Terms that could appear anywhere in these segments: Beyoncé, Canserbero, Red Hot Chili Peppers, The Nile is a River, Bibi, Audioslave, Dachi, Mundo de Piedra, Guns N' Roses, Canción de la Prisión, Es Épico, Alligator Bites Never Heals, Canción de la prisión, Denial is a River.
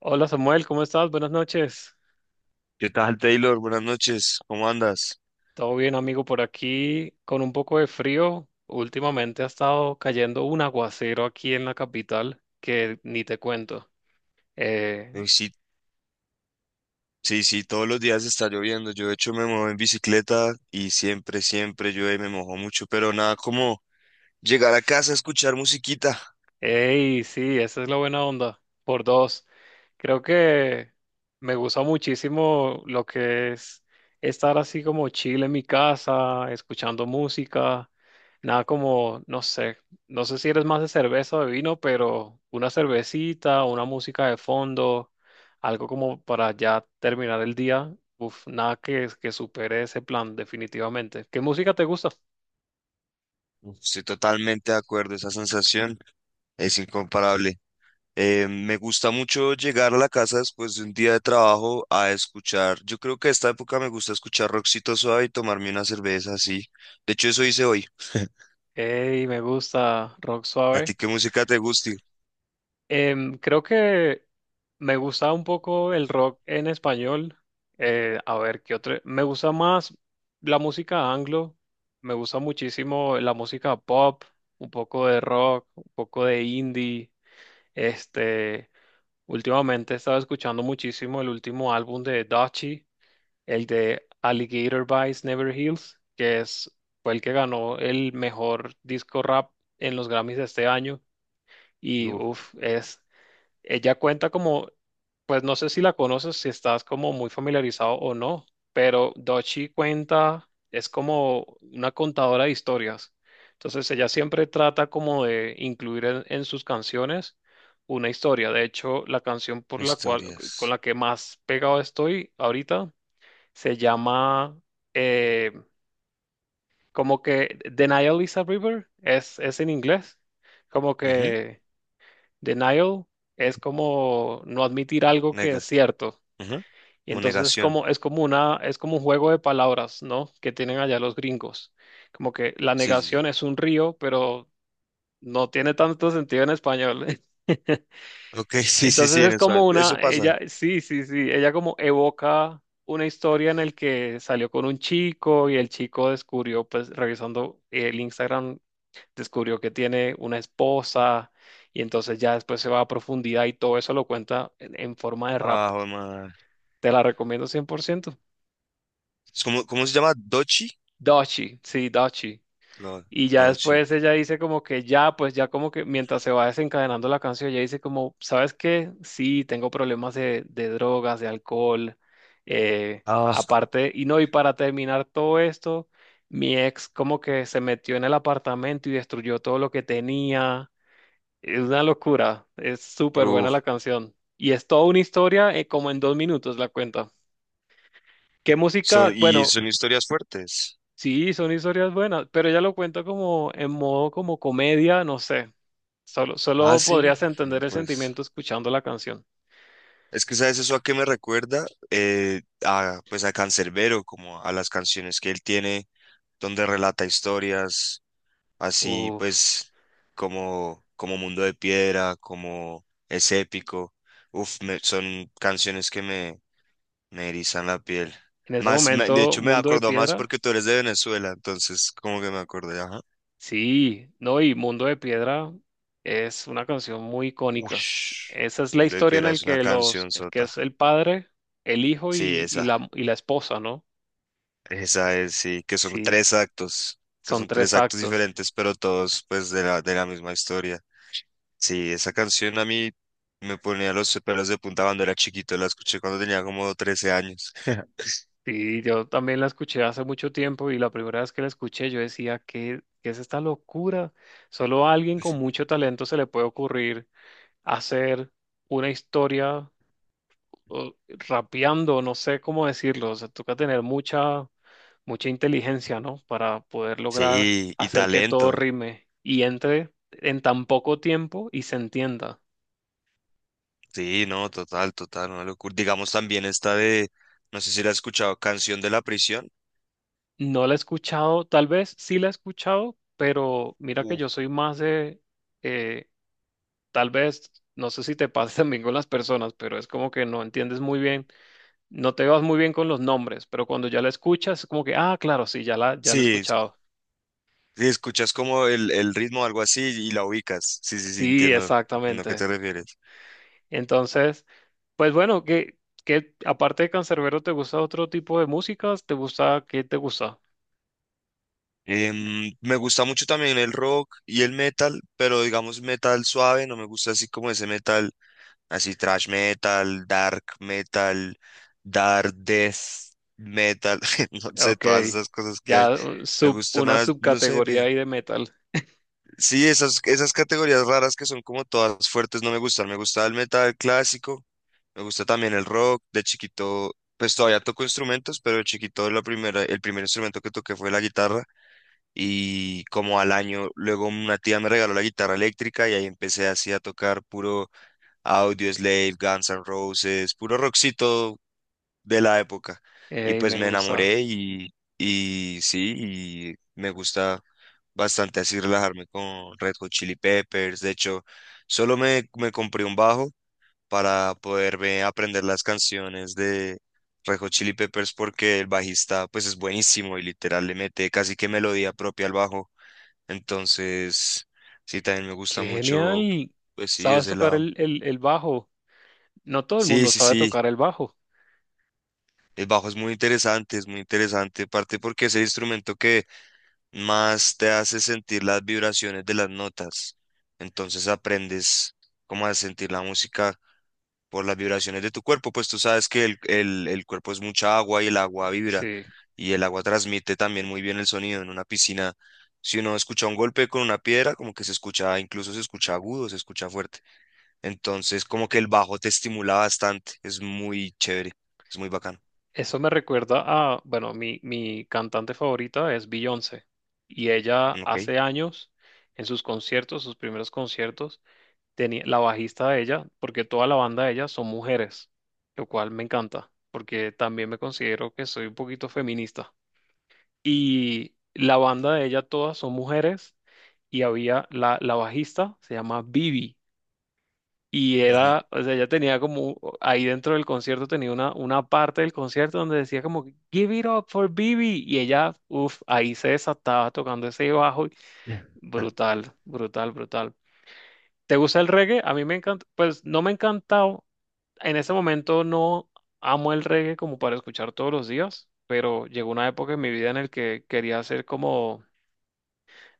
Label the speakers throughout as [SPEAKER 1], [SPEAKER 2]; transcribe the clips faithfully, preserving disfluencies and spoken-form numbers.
[SPEAKER 1] Hola Samuel, ¿cómo estás? Buenas noches.
[SPEAKER 2] ¿Qué tal, Taylor? Buenas noches, ¿cómo andas?
[SPEAKER 1] Todo bien, amigo, por aquí con un poco de frío. Últimamente ha estado cayendo un aguacero aquí en la capital que ni te cuento. Eh,
[SPEAKER 2] Eh, Sí, sí, sí, todos los días está lloviendo. Yo, de hecho, me muevo en bicicleta y siempre, siempre llueve, y me mojo mucho, pero nada como llegar a casa a escuchar musiquita.
[SPEAKER 1] Ey, sí, esa es la buena onda. Por dos. Creo que me gusta muchísimo lo que es estar así como chill en mi casa, escuchando música. Nada como, no sé, no sé si eres más de cerveza o de vino, pero una cervecita, una música de fondo, algo como para ya terminar el día. Uf, nada que, que supere ese plan, definitivamente. ¿Qué música te gusta?
[SPEAKER 2] Uf, estoy totalmente de acuerdo, esa sensación es incomparable. Eh, me gusta mucho llegar a la casa después de un día de trabajo a escuchar. Yo creo que a esta época me gusta escuchar rockcito suave y tomarme una cerveza así. De hecho, eso hice hoy.
[SPEAKER 1] Ey, me gusta rock
[SPEAKER 2] ¿A
[SPEAKER 1] suave.
[SPEAKER 2] ti qué música te gusta?
[SPEAKER 1] Em, creo que me gusta un poco el rock en español. Eh, a ver, ¿qué otro? Me gusta más la música anglo. Me gusta muchísimo la música pop, un poco de rock, un poco de indie. Este, Últimamente he estado escuchando muchísimo el último álbum de Dachi, el de Alligator Bites Never Heals, que es, fue el que ganó el mejor disco rap en los Grammys de este año. Y
[SPEAKER 2] Uf,
[SPEAKER 1] uff, es ella cuenta como, pues no sé si la conoces, si estás como muy familiarizado o no, pero Dochi cuenta, es como una contadora de historias. Entonces ella siempre trata como de incluir en, en sus canciones una historia. De hecho, la canción por la cual, con
[SPEAKER 2] historias.
[SPEAKER 1] la que más pegado estoy ahorita se llama eh, como que Denial is a River, es, es en inglés, como que... Denial es como no admitir algo que es
[SPEAKER 2] Nega.
[SPEAKER 1] cierto.
[SPEAKER 2] Ujú.
[SPEAKER 1] Y
[SPEAKER 2] Como
[SPEAKER 1] entonces es
[SPEAKER 2] negación.
[SPEAKER 1] como, es como una, es como un juego de palabras, ¿no? Que tienen allá los gringos. Como que la
[SPEAKER 2] Sí, sí,
[SPEAKER 1] negación
[SPEAKER 2] sí.
[SPEAKER 1] es un río, pero no tiene tanto sentido en español.
[SPEAKER 2] Ok, sí, sí,
[SPEAKER 1] Entonces
[SPEAKER 2] sí, en
[SPEAKER 1] es
[SPEAKER 2] eso,
[SPEAKER 1] como
[SPEAKER 2] eso
[SPEAKER 1] una,
[SPEAKER 2] pasa.
[SPEAKER 1] ella, sí, sí, sí, ella como evoca una historia en el que salió con un chico y el chico descubrió, pues revisando el Instagram descubrió que tiene una esposa y entonces ya después se va a profundidad y todo eso lo cuenta en, en forma de rap.
[SPEAKER 2] Ah, joder, madre.
[SPEAKER 1] Te la recomiendo cien por ciento.
[SPEAKER 2] Es como... ¿Cómo se llama? ¿Dochi?
[SPEAKER 1] Dachi, sí, Dachi.
[SPEAKER 2] No,
[SPEAKER 1] Y ya
[SPEAKER 2] Dochi.
[SPEAKER 1] después ella dice como que ya, pues ya como que mientras se va desencadenando la canción, ella dice como, ¿sabes qué? Sí, tengo problemas de, de drogas, de alcohol, eh,
[SPEAKER 2] Ah,
[SPEAKER 1] aparte, y no, y para terminar todo esto, mi ex como que se metió en el apartamento y destruyó todo lo que tenía. Es una locura, es súper buena
[SPEAKER 2] uf.
[SPEAKER 1] la canción. Y es toda una historia, eh, como en dos minutos la cuenta. ¿Qué
[SPEAKER 2] Son,
[SPEAKER 1] música?
[SPEAKER 2] y
[SPEAKER 1] Bueno,
[SPEAKER 2] son historias fuertes.
[SPEAKER 1] sí, son historias buenas, pero ella lo cuenta como en modo como comedia, no sé. Solo,
[SPEAKER 2] Ah,
[SPEAKER 1] solo
[SPEAKER 2] sí.
[SPEAKER 1] podrías
[SPEAKER 2] No,
[SPEAKER 1] entender el
[SPEAKER 2] pues.
[SPEAKER 1] sentimiento escuchando la canción.
[SPEAKER 2] Es que, ¿sabes eso a qué me recuerda? Eh, a, pues a Canserbero, como a las canciones que él tiene, donde relata historias, así
[SPEAKER 1] Uf,
[SPEAKER 2] pues como, como Mundo de Piedra, como Es Épico. Uf, me- son canciones que me, me erizan la piel.
[SPEAKER 1] en ese
[SPEAKER 2] Más, me- de
[SPEAKER 1] momento,
[SPEAKER 2] hecho me
[SPEAKER 1] Mundo de
[SPEAKER 2] acordó más
[SPEAKER 1] Piedra.
[SPEAKER 2] porque tú eres de Venezuela, entonces como que me acordé, ajá.
[SPEAKER 1] Sí, no, y Mundo de Piedra es una canción muy icónica.
[SPEAKER 2] Ush,
[SPEAKER 1] Esa es la
[SPEAKER 2] Mundo de
[SPEAKER 1] historia en
[SPEAKER 2] Piedra
[SPEAKER 1] la
[SPEAKER 2] es una
[SPEAKER 1] que los,
[SPEAKER 2] canción
[SPEAKER 1] que
[SPEAKER 2] sota.
[SPEAKER 1] es el padre, el hijo
[SPEAKER 2] Sí,
[SPEAKER 1] y, y
[SPEAKER 2] esa,
[SPEAKER 1] la, y la esposa, ¿no?
[SPEAKER 2] esa es, sí, que son
[SPEAKER 1] Sí,
[SPEAKER 2] tres actos, que
[SPEAKER 1] son
[SPEAKER 2] son tres
[SPEAKER 1] tres
[SPEAKER 2] actos
[SPEAKER 1] actos.
[SPEAKER 2] diferentes, pero todos pues de la, de la misma historia. Sí, esa canción a mí me ponía los pelos de punta cuando era chiquito, la escuché cuando tenía como trece años.
[SPEAKER 1] Y yo también la escuché hace mucho tiempo y la primera vez que la escuché yo decía, ¿qué, ¿qué es esta locura? Solo a alguien con mucho talento se le puede ocurrir hacer una historia o rapeando, no sé cómo decirlo, o sea, toca tener mucha, mucha inteligencia, ¿no? Para poder lograr
[SPEAKER 2] Sí, y
[SPEAKER 1] hacer que todo
[SPEAKER 2] talento.
[SPEAKER 1] rime y entre en tan poco tiempo y se entienda.
[SPEAKER 2] Sí, no, total, total, una locura. Digamos también esta de, no sé si la has escuchado, Canción de la Prisión.
[SPEAKER 1] No la he escuchado, tal vez sí la he escuchado, pero mira que
[SPEAKER 2] Uf.
[SPEAKER 1] yo soy más de, eh, tal vez, no sé si te pasa también con las personas, pero es como que no entiendes muy bien, no te vas muy bien con los nombres, pero cuando ya la escuchas es como que, ah, claro, sí, ya la, ya la he
[SPEAKER 2] Sí,
[SPEAKER 1] escuchado.
[SPEAKER 2] si escuchas como el, el ritmo o algo así y la ubicas. Sí, sí, sí,
[SPEAKER 1] Sí,
[SPEAKER 2] entiendo, entiendo a qué te
[SPEAKER 1] exactamente.
[SPEAKER 2] refieres.
[SPEAKER 1] Entonces, pues bueno, que aparte de Canserbero, ¿te gusta otro tipo de músicas? ¿Te gusta qué te gusta?
[SPEAKER 2] Em, me gusta mucho también el rock y el metal, pero digamos metal suave, no me gusta así como ese metal. Así thrash metal, dark metal, dark death metal, no sé,
[SPEAKER 1] Ok,
[SPEAKER 2] todas esas cosas que hay.
[SPEAKER 1] ya uh,
[SPEAKER 2] Me
[SPEAKER 1] sub,
[SPEAKER 2] gusta
[SPEAKER 1] una
[SPEAKER 2] más, no sé,
[SPEAKER 1] subcategoría
[SPEAKER 2] ve.
[SPEAKER 1] ahí de metal.
[SPEAKER 2] Sí, esas, esas categorías raras que son como todas fuertes no me gustan. Me gusta el metal clásico, me gusta también el rock. De chiquito, pues todavía toco instrumentos, pero de chiquito la primera, el primer instrumento que toqué fue la guitarra. Y como al año, luego una tía me regaló la guitarra eléctrica y ahí empecé así a tocar puro Audioslave, Guns N' Roses, puro rockcito de la época. Y
[SPEAKER 1] Ey,
[SPEAKER 2] pues
[SPEAKER 1] me
[SPEAKER 2] me
[SPEAKER 1] gusta.
[SPEAKER 2] enamoré y, y sí, y me gusta bastante así relajarme con Red Hot Chili Peppers. De hecho, solo me, me compré un bajo para poderme aprender las canciones de Red Hot Chili Peppers porque el bajista pues es buenísimo y literal le mete casi que melodía propia al bajo. Entonces, sí, también me gusta
[SPEAKER 1] ¡Qué
[SPEAKER 2] mucho,
[SPEAKER 1] genial!
[SPEAKER 2] pues sí,
[SPEAKER 1] ¿Sabes
[SPEAKER 2] ese
[SPEAKER 1] tocar
[SPEAKER 2] lado.
[SPEAKER 1] el, el, el bajo? No todo el
[SPEAKER 2] Sí,
[SPEAKER 1] mundo
[SPEAKER 2] sí,
[SPEAKER 1] sabe
[SPEAKER 2] sí.
[SPEAKER 1] tocar el bajo.
[SPEAKER 2] El bajo es muy interesante, es muy interesante, parte porque es el instrumento que más te hace sentir las vibraciones de las notas. Entonces aprendes cómo a sentir la música por las vibraciones de tu cuerpo, pues tú sabes que el, el- el cuerpo es mucha agua y el agua vibra
[SPEAKER 1] Sí.
[SPEAKER 2] y el agua transmite también muy bien el sonido en una piscina. Si uno escucha un golpe con una piedra, como que se escucha, incluso se escucha agudo, se escucha fuerte. Entonces, como que el bajo te estimula bastante, es muy chévere, es muy bacano.
[SPEAKER 1] Eso me recuerda a, bueno, mi, mi cantante favorita es Beyoncé. Y ella
[SPEAKER 2] Ok.
[SPEAKER 1] hace años, en sus conciertos, sus primeros conciertos, tenía la bajista de ella, porque toda la banda de ella son mujeres, lo cual me encanta, porque también me considero que soy un poquito feminista. Y la banda de ella todas son mujeres y había la, la bajista, se llama Bibi. Y
[SPEAKER 2] Ujú.
[SPEAKER 1] era, o sea, ella tenía como, ahí dentro del concierto tenía una, una parte del concierto donde decía como, Give it up for Bibi. Y ella, uff, ahí se desataba tocando ese bajo. Y brutal, brutal, brutal. ¿Te gusta el reggae? A mí me encanta, pues no me encanta, en ese momento no amo el reggae como para escuchar todos los días, pero llegó una época en mi vida en el que quería hacer como,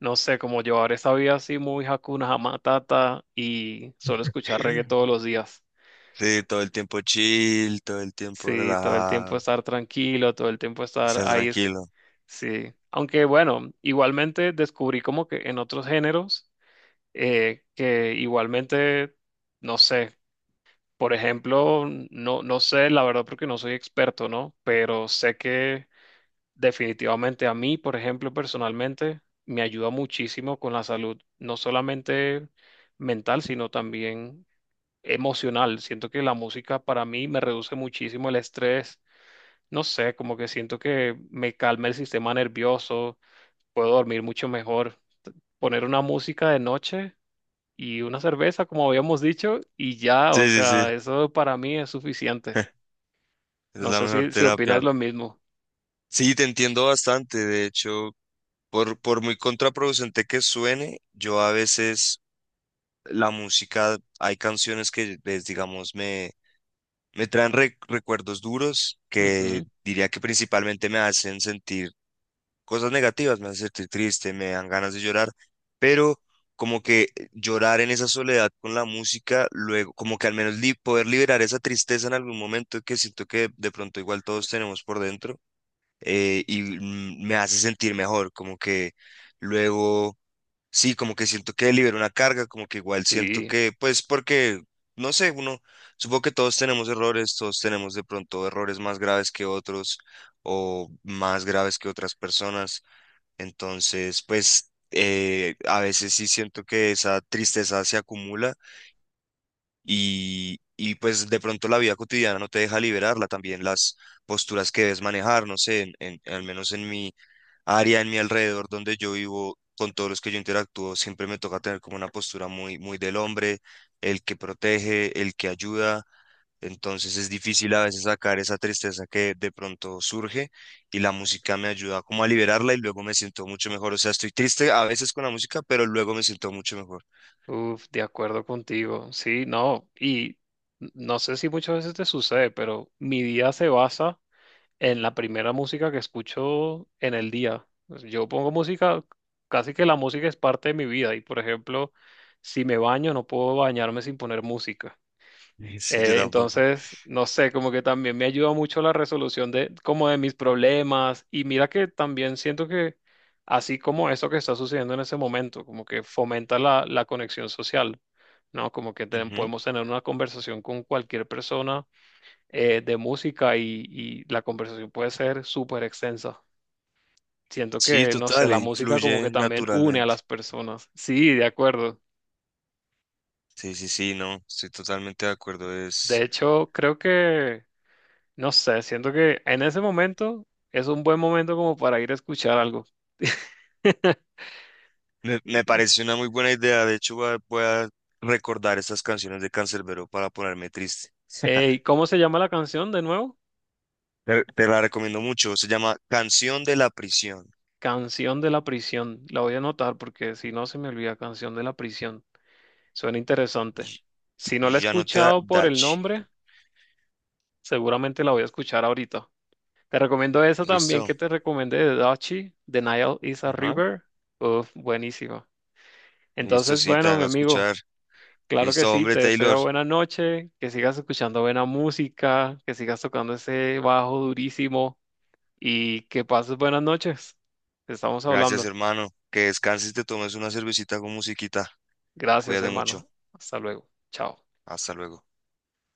[SPEAKER 1] no sé, como llevar esa vida así muy Hakuna Matata y solo escuchar reggae todos los días.
[SPEAKER 2] Sí, todo el tiempo chill, todo el tiempo
[SPEAKER 1] Sí, todo el tiempo
[SPEAKER 2] relajado,
[SPEAKER 1] estar tranquilo, todo el tiempo estar
[SPEAKER 2] estar
[SPEAKER 1] ahí. Es-
[SPEAKER 2] tranquilo.
[SPEAKER 1] sí, aunque bueno, igualmente descubrí como que en otros géneros eh, que igualmente, no sé. Por ejemplo, no, no sé, la verdad, porque no soy experto, ¿no? Pero sé que definitivamente a mí, por ejemplo, personalmente, me ayuda muchísimo con la salud, no solamente mental, sino también emocional. Siento que la música para mí me reduce muchísimo el estrés. No sé, como que siento que me calma el sistema nervioso, puedo dormir mucho mejor. T- poner una música de noche y una cerveza, como habíamos dicho, y ya, o
[SPEAKER 2] Sí, sí,
[SPEAKER 1] sea,
[SPEAKER 2] sí,
[SPEAKER 1] eso para mí es suficiente.
[SPEAKER 2] es
[SPEAKER 1] No
[SPEAKER 2] la
[SPEAKER 1] sé
[SPEAKER 2] mejor
[SPEAKER 1] si, si opinas
[SPEAKER 2] terapia.
[SPEAKER 1] lo mismo.
[SPEAKER 2] Sí, te entiendo bastante. De hecho, por, por muy contraproducente que suene, yo a veces la música, hay canciones que, pues, digamos, me, me traen re- recuerdos duros que
[SPEAKER 1] Ujú.
[SPEAKER 2] diría que principalmente me hacen sentir cosas negativas, me hacen sentir triste, me dan ganas de llorar, pero como que eh, llorar en esa soledad con la música, luego, como que al menos li- poder liberar esa tristeza en algún momento que siento que de pronto igual todos tenemos por dentro, eh, y mm, me hace sentir mejor, como que luego, sí, como que siento que libero una carga, como que igual siento
[SPEAKER 1] Sí.
[SPEAKER 2] que, pues porque, no sé, uno, supongo que todos tenemos errores, todos tenemos de pronto errores más graves que otros o más graves que otras personas, entonces, pues eh, a veces sí siento que esa tristeza se acumula y, y pues de pronto la vida cotidiana no te deja liberarla, también las posturas que debes manejar, no sé, en, en- al menos en mi área, en mi alrededor donde yo vivo, con todos los que yo interactúo, siempre me toca tener como una postura muy, muy del hombre, el que protege, el que ayuda, entonces es difícil a veces sacar esa tristeza que de pronto surge y la música me ayuda como a liberarla y luego me siento mucho mejor. O sea, estoy triste a veces con la música, pero luego me siento mucho mejor.
[SPEAKER 1] Uf, de acuerdo contigo. Sí, no, y no sé si muchas veces te sucede, pero mi día se basa en la primera música que escucho en el día. Pues, yo pongo música, casi que la música es parte de mi vida y, por ejemplo, si me baño, no puedo bañarme sin poner música.
[SPEAKER 2] Sí, yo
[SPEAKER 1] Eh,
[SPEAKER 2] tampoco.
[SPEAKER 1] entonces, no sé, como que también me ayuda mucho la resolución de como de mis problemas y mira que también siento que así como eso que está sucediendo en ese momento, como que fomenta la, la conexión social, ¿no? Como que ten-
[SPEAKER 2] Ujú.
[SPEAKER 1] podemos tener una conversación con cualquier persona eh, de música y, y la conversación puede ser súper extensa. Siento
[SPEAKER 2] Sí,
[SPEAKER 1] que, no sé,
[SPEAKER 2] total,
[SPEAKER 1] la
[SPEAKER 2] y
[SPEAKER 1] música como que
[SPEAKER 2] fluye
[SPEAKER 1] también une a
[SPEAKER 2] naturalmente.
[SPEAKER 1] las personas. Sí, de acuerdo.
[SPEAKER 2] Sí, sí, sí, no, estoy totalmente de acuerdo.
[SPEAKER 1] De
[SPEAKER 2] Es,
[SPEAKER 1] hecho, creo que... No sé, siento que en ese momento es un buen momento como para ir a escuchar algo.
[SPEAKER 2] me, me
[SPEAKER 1] Y-
[SPEAKER 2] parece una muy buena idea. De hecho, voy a, voy a recordar estas canciones de Canserbero para ponerme triste.
[SPEAKER 1] Ey, ¿cómo se llama la canción de nuevo?
[SPEAKER 2] Te, te la recomiendo mucho. Se llama Canción de la Prisión.
[SPEAKER 1] Canción de la Prisión. La voy a anotar porque si no se me olvida, Canción de la Prisión. Suena interesante.
[SPEAKER 2] Y,
[SPEAKER 1] Si no la he
[SPEAKER 2] y ya no te da
[SPEAKER 1] escuchado por el
[SPEAKER 2] Dachi.
[SPEAKER 1] nombre, seguramente la voy a escuchar ahorita. Te recomiendo esa también que
[SPEAKER 2] Listo.
[SPEAKER 1] te recomendé de Dachi, The Nile is a
[SPEAKER 2] Ajá.
[SPEAKER 1] River. Uf, buenísima.
[SPEAKER 2] Listo,
[SPEAKER 1] Entonces,
[SPEAKER 2] sí, te
[SPEAKER 1] bueno, mi
[SPEAKER 2] a
[SPEAKER 1] amigo.
[SPEAKER 2] escuchar.
[SPEAKER 1] Claro que
[SPEAKER 2] Listo,
[SPEAKER 1] sí,
[SPEAKER 2] hombre,
[SPEAKER 1] te
[SPEAKER 2] Taylor.
[SPEAKER 1] deseo buena noche, que sigas escuchando buena música, que sigas tocando ese bajo durísimo y que pases buenas noches. Estamos
[SPEAKER 2] Gracias,
[SPEAKER 1] hablando.
[SPEAKER 2] hermano. Que descanses y te tomes una cervecita con musiquita.
[SPEAKER 1] Gracias,
[SPEAKER 2] Cuídate mucho.
[SPEAKER 1] hermano. Hasta luego. Chao.
[SPEAKER 2] Hasta luego.